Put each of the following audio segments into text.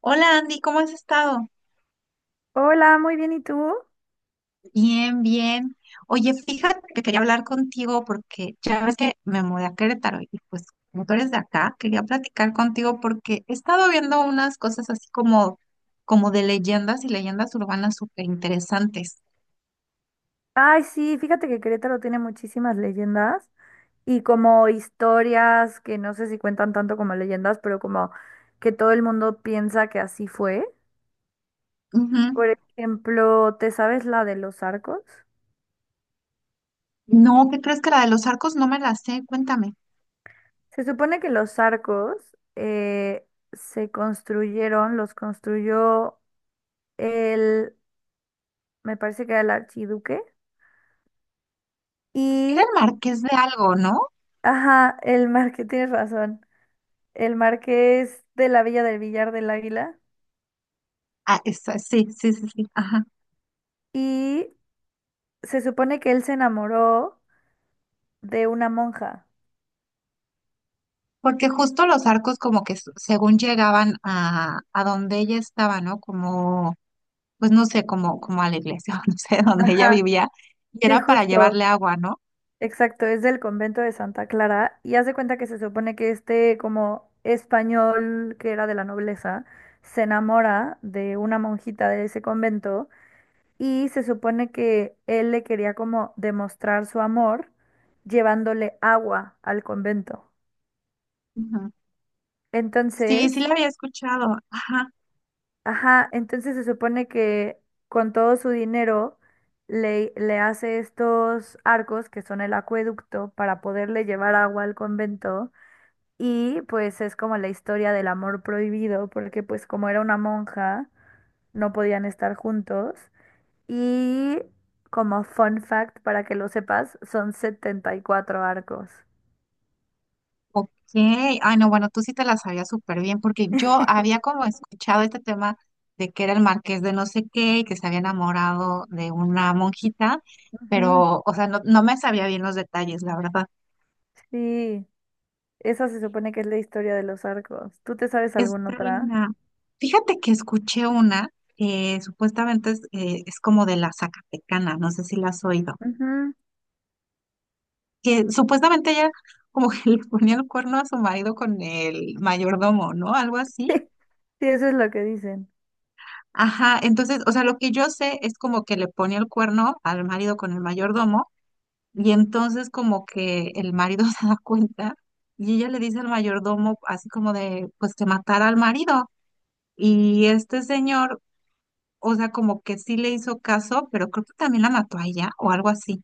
Hola Andy, ¿cómo has estado? Hola, muy bien, ¿y tú? Bien, bien. Oye, fíjate que quería hablar contigo porque ya ves que me mudé a Querétaro y pues como tú eres de acá, quería platicar contigo porque he estado viendo unas cosas así como, como de leyendas y leyendas urbanas súper interesantes. Ay, sí, fíjate que Querétaro tiene muchísimas leyendas y como historias que no sé si cuentan tanto como leyendas, pero como que todo el mundo piensa que así fue. Ujú. Por ejemplo, ¿te sabes la de los arcos? No, ¿qué crees que la de los arcos no me la sé? Cuéntame. Se supone que los arcos eh, se construyeron, los construyó el, me parece que era el archiduque Era y, el marqués de algo, ¿no? ajá, el marqués, tienes razón, el marqués de la Villa del Villar del Águila. Ah, sí, sí, sí, sí, ajá. Y se supone que él se enamoró de una monja. Porque justo los arcos como que según llegaban a donde ella estaba, ¿no? Como pues no sé, como, como a la iglesia, o no sé, donde ella Ajá, vivía, y sí, era para justo, llevarle agua, ¿no? exacto, es del convento de Santa Clara y hace cuenta que se supone que este como español que era de la nobleza se enamora de una monjita de ese convento y se supone que él le quería como demostrar su amor llevándole agua al convento. Ujú. Sí, sí Entonces, la había escuchado. Ajá. ajá, entonces se supone que con todo su dinero le hace estos arcos que son el acueducto para poderle llevar agua al convento y pues es como la historia del amor prohibido porque pues como era una monja no podían estar juntos y como fun fact para que lo sepas son 74 arcos. Ok. Ay, no, bueno, tú sí te la sabías súper bien, porque yo había como escuchado este tema de que era el marqués de no sé qué y que se había enamorado de una monjita, Ujú, pero, o sea, no me sabía bien los detalles, la verdad. sí, esa se supone que es la historia de los arcos. ¿Tú te sabes alguna Esta otra? linda. Fíjate que escuché una que supuestamente es como de la Zacatecana, no sé si la has oído. Ujú. Que supuestamente ella como que le ponía el cuerno a su marido con el mayordomo, ¿no? Algo así. Sí, eso es lo que dicen. Ajá, entonces, o sea, lo que yo sé es como que le ponía el cuerno al marido con el mayordomo y entonces como que el marido se da cuenta y ella le dice al mayordomo así como de, pues que matara al marido y este señor, o sea, como que sí le hizo caso, pero creo que también la mató a ella o algo así.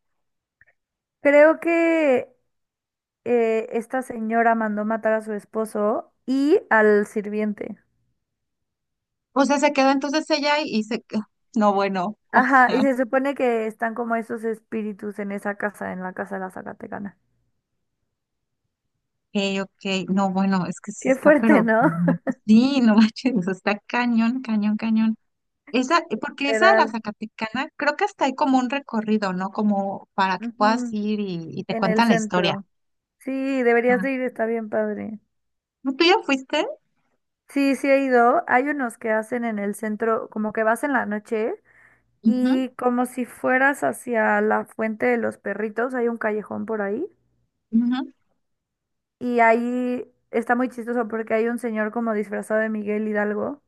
Creo que esta señora mandó matar a su esposo y al sirviente. O sea, se quedó entonces ella y se... No, bueno, o Ajá, sea. y se supone que están como esos espíritus en esa casa, en la casa de la Zacatecana. Ok, ok. No, bueno, es que sí Qué está, fuerte, pero no ¿no? manches, sí, no manches, eso está cañón, cañón, cañón. Esa, porque esa de la Literal. Zacatecana, creo que hasta hay como un recorrido, ¿no? Como para que puedas Ujú, ir y te en el cuentan la historia. centro. Sí, deberías Ah, de ir, está bien padre. ¿no? ¿Tú ya fuiste? Sí, sí he ido. Hay unos que hacen en el centro, como que vas en la noche Ujú, y como si fueras hacia la fuente de los perritos, hay un callejón por ahí. ujú. Y ahí está muy chistoso porque hay un señor como disfrazado de Miguel Hidalgo.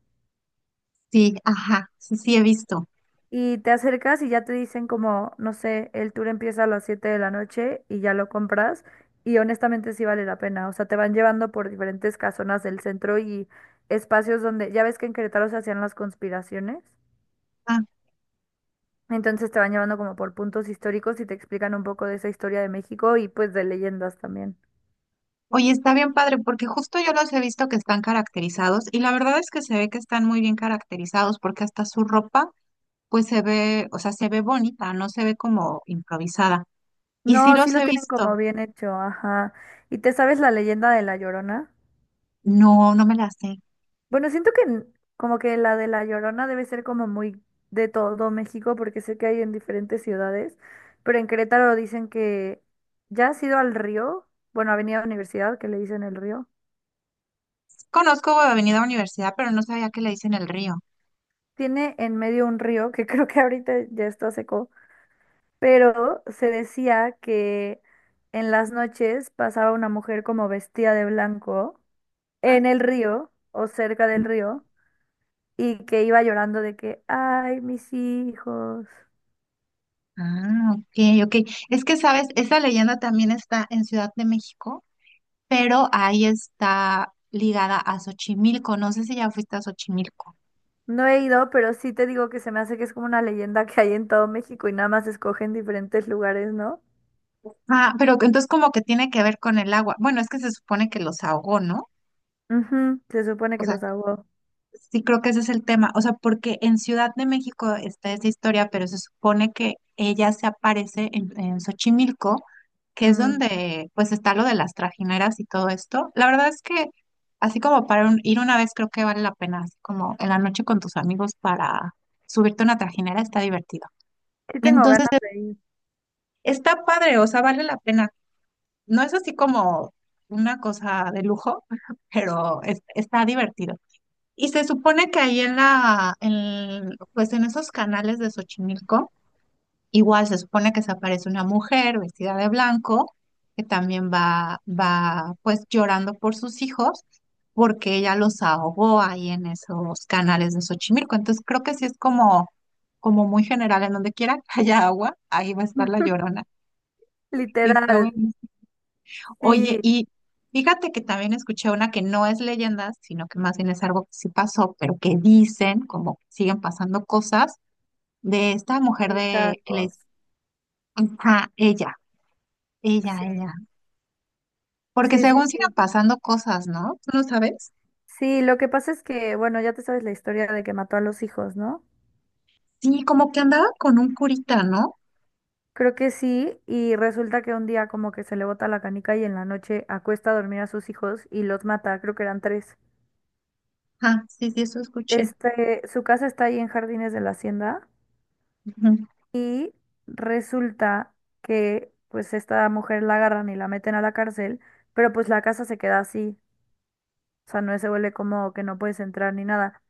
Sí, ajá, sí, sí, he visto. Y te acercas y ya te dicen como, no sé, el tour empieza a las 7 de la noche y ya lo compras. Y honestamente sí vale la pena. O sea, te van llevando por diferentes casonas del centro y espacios donde, ya ves que en Querétaro se hacían las conspiraciones. Ah, Entonces te van llevando como por puntos históricos y te explican un poco de esa historia de México y pues de leyendas también. oye, está bien padre, porque justo yo los he visto que están caracterizados y la verdad es que se ve que están muy bien caracterizados porque hasta su ropa, pues se ve, o sea, se ve bonita, no se ve como improvisada. Y sí No, sí los lo he tienen visto. como bien hecho, ajá. ¿Y te sabes la leyenda de La Llorona? No, no me las sé. Bueno, siento que como que la de La Llorona debe ser como muy de todo México, porque sé que hay en diferentes ciudades, pero en Querétaro dicen que ya has ido al río, bueno, Avenida Universidad, que le dicen el río. Conozco Avenida Universidad, pero no sabía que le dicen el río. Tiene en medio un río que creo que ahorita ya está seco, pero se decía que en las noches pasaba una mujer como vestida de blanco ¿No? en el río o cerca del río y que iba llorando de que, ay, mis hijos. Ah, ok, ok. Es que, sabes, esa leyenda también está en Ciudad de México, pero ahí está ligada a Xochimilco. No sé si ya fuiste a Xochimilco. No he ido, pero sí te digo que se me hace que es como una leyenda que hay en todo México y nada más escogen diferentes lugares, ¿no? Ah, pero entonces como que tiene que ver con el agua. Bueno, es que se supone que los ahogó, ¿no? Ujú, se supone O que sea, los ahogó. sí, creo que ese es el tema. O sea, porque en Ciudad de México está esa historia, pero se supone que ella se aparece en Xochimilco, que es Mm, donde pues está lo de las trajineras y todo esto. La verdad es que así como para ir una vez creo que vale la pena, así como en la noche con tus amigos para subirte a una trajinera está divertido. sí tengo Entonces, ganas de ir. está padre, o sea, vale la pena. No es así como una cosa de lujo, pero está divertido. Y se supone que ahí en pues en esos canales de Xochimilco, igual se supone que se aparece una mujer vestida de blanco, que también va pues llorando por sus hijos, porque ella los ahogó ahí en esos canales de Xochimilco. Entonces creo que sí es como, como muy general, en donde quiera que haya agua, ahí va a estar la llorona. Y está Literal, bueno. Oye, sí, y fíjate que también escuché una que no es leyenda, sino que más bien es algo que sí pasó, pero que dicen, como que siguen pasando cosas, de esta mujer de, que mijangos. les, ajá, Sí, ella. Porque sí, sí, según sigan sí. pasando cosas, ¿no? ¿Tú no sabes? Sí, lo que pasa es que, bueno, ya te sabes la historia de que mató a los hijos, ¿no? Sí, como que andaba con un curita, ¿no? Creo que sí, y resulta que un día como que se le bota la canica y en la noche acuesta a dormir a sus hijos y los mata, creo que eran tres. Ah, sí, sí, eso escuché. Este, su casa está ahí en Jardines de la Hacienda. Ujú, Y resulta que pues esta mujer la agarran y la meten a la cárcel, pero pues la casa se queda así, o sea, no se vuelve como que no puedes entrar ni nada.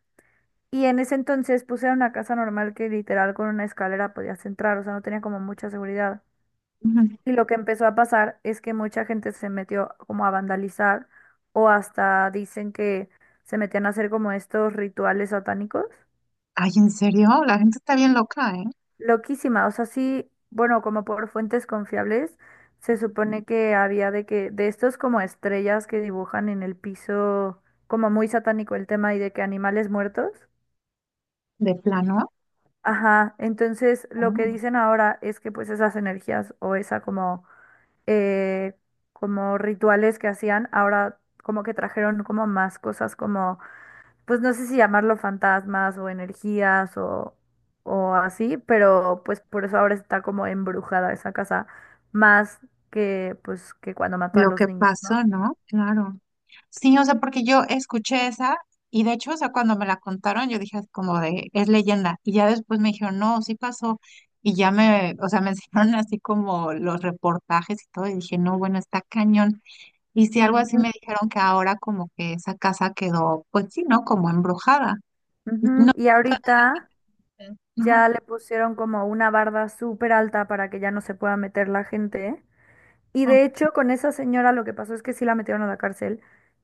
Y en ese entonces puse era una casa normal que literal con una escalera podías entrar, o sea, no tenía como mucha seguridad. ujú. Y lo que empezó a pasar es que mucha gente se metió como a vandalizar o hasta dicen que se metían a hacer como estos rituales satánicos. Ay, ¿en serio? La gente está bien loca, ¿eh? Loquísima, o sea, sí, bueno, como por fuentes confiables, se supone que había de que, de estos como estrellas que dibujan en el piso, como muy satánico el tema y de que animales muertos. De plano. Ajá, entonces lo que Mm. dicen ahora es que pues esas energías o esa como, eh, como rituales que hacían, ahora como que trajeron como más cosas como pues no sé si llamarlo fantasmas o energías o así, pero pues por eso ahora está como embrujada esa casa, más que pues que cuando mató a Lo los que niños, ¿no? pasó, ¿no? Claro. Sí, o sea, porque yo escuché esa y de hecho, o sea, cuando me la contaron, yo dije así como de, es leyenda. Y ya después me dijeron, no, sí pasó. Y ya me, o sea, me enseñaron así como los reportajes y todo. Y dije, no, bueno, está cañón. Y sí, algo así Ujú, me dijeron que ahora como que esa casa quedó, pues sí, ¿no? Como embrujada. No, ujú. Y ahorita sí. Ajá, ya le pusieron como una barda súper alta para que ya no se pueda meter la gente. Y de hecho con esa señora lo que pasó es que sí la metieron a la cárcel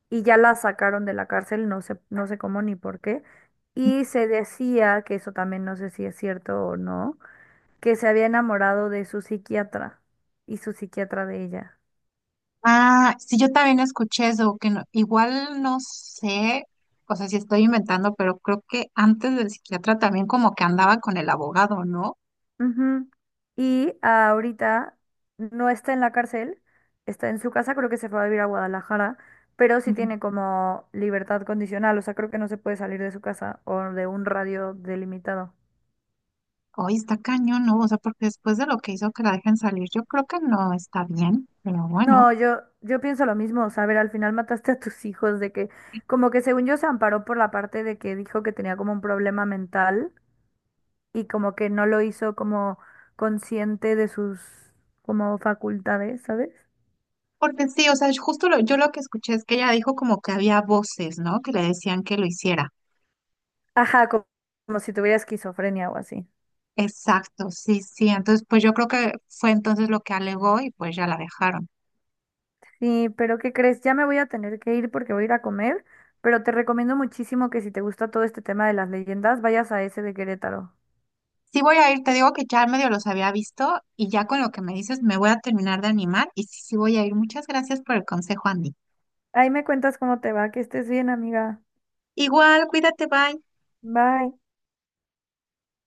y ya la sacaron de la cárcel, no sé, no sé cómo ni por qué. Y se decía, que eso también no sé si es cierto o no, que se había enamorado de su psiquiatra y su psiquiatra de ella. ah, sí, yo también escuché eso, que igual no sé, o sea, si estoy inventando, pero creo que antes del psiquiatra también como que andaba con el abogado, ¿no? Ujú. Y ahorita no está en la cárcel, está en su casa, creo que se fue a vivir a Guadalajara, pero sí Ujú. tiene como libertad condicional, o sea, creo que no se puede salir de su casa o de un radio delimitado. Hoy está cañón, ¿no? O sea, porque después de lo que hizo que la dejen salir, yo creo que no está bien, pero bueno. No, yo pienso lo mismo, o sea, a ver, al final mataste a tus hijos, de que, como que según yo se amparó por la parte de que dijo que tenía como un problema mental y como que no lo hizo como consciente de sus como facultades, ¿sabes? Porque sí, o sea, yo lo que escuché es que ella dijo como que había voces, ¿no? Que le decían que lo hiciera. Ajá, como, si tuviera esquizofrenia o así. Exacto, sí, sí. Entonces, pues yo creo que fue entonces lo que alegó y pues ya la dejaron. Sí, pero ¿qué crees? Ya me voy a tener que ir porque voy a ir a comer, pero te recomiendo muchísimo que si te gusta todo este tema de las leyendas, vayas a ese de Querétaro. Sí voy a ir, te digo que ya medio los había visto y ya con lo que me dices me voy a terminar de animar y sí, sí voy a ir. Muchas gracias por el consejo, Andy. Ahí me cuentas cómo te va, que estés bien, amiga. Igual, cuídate, bye. Bye.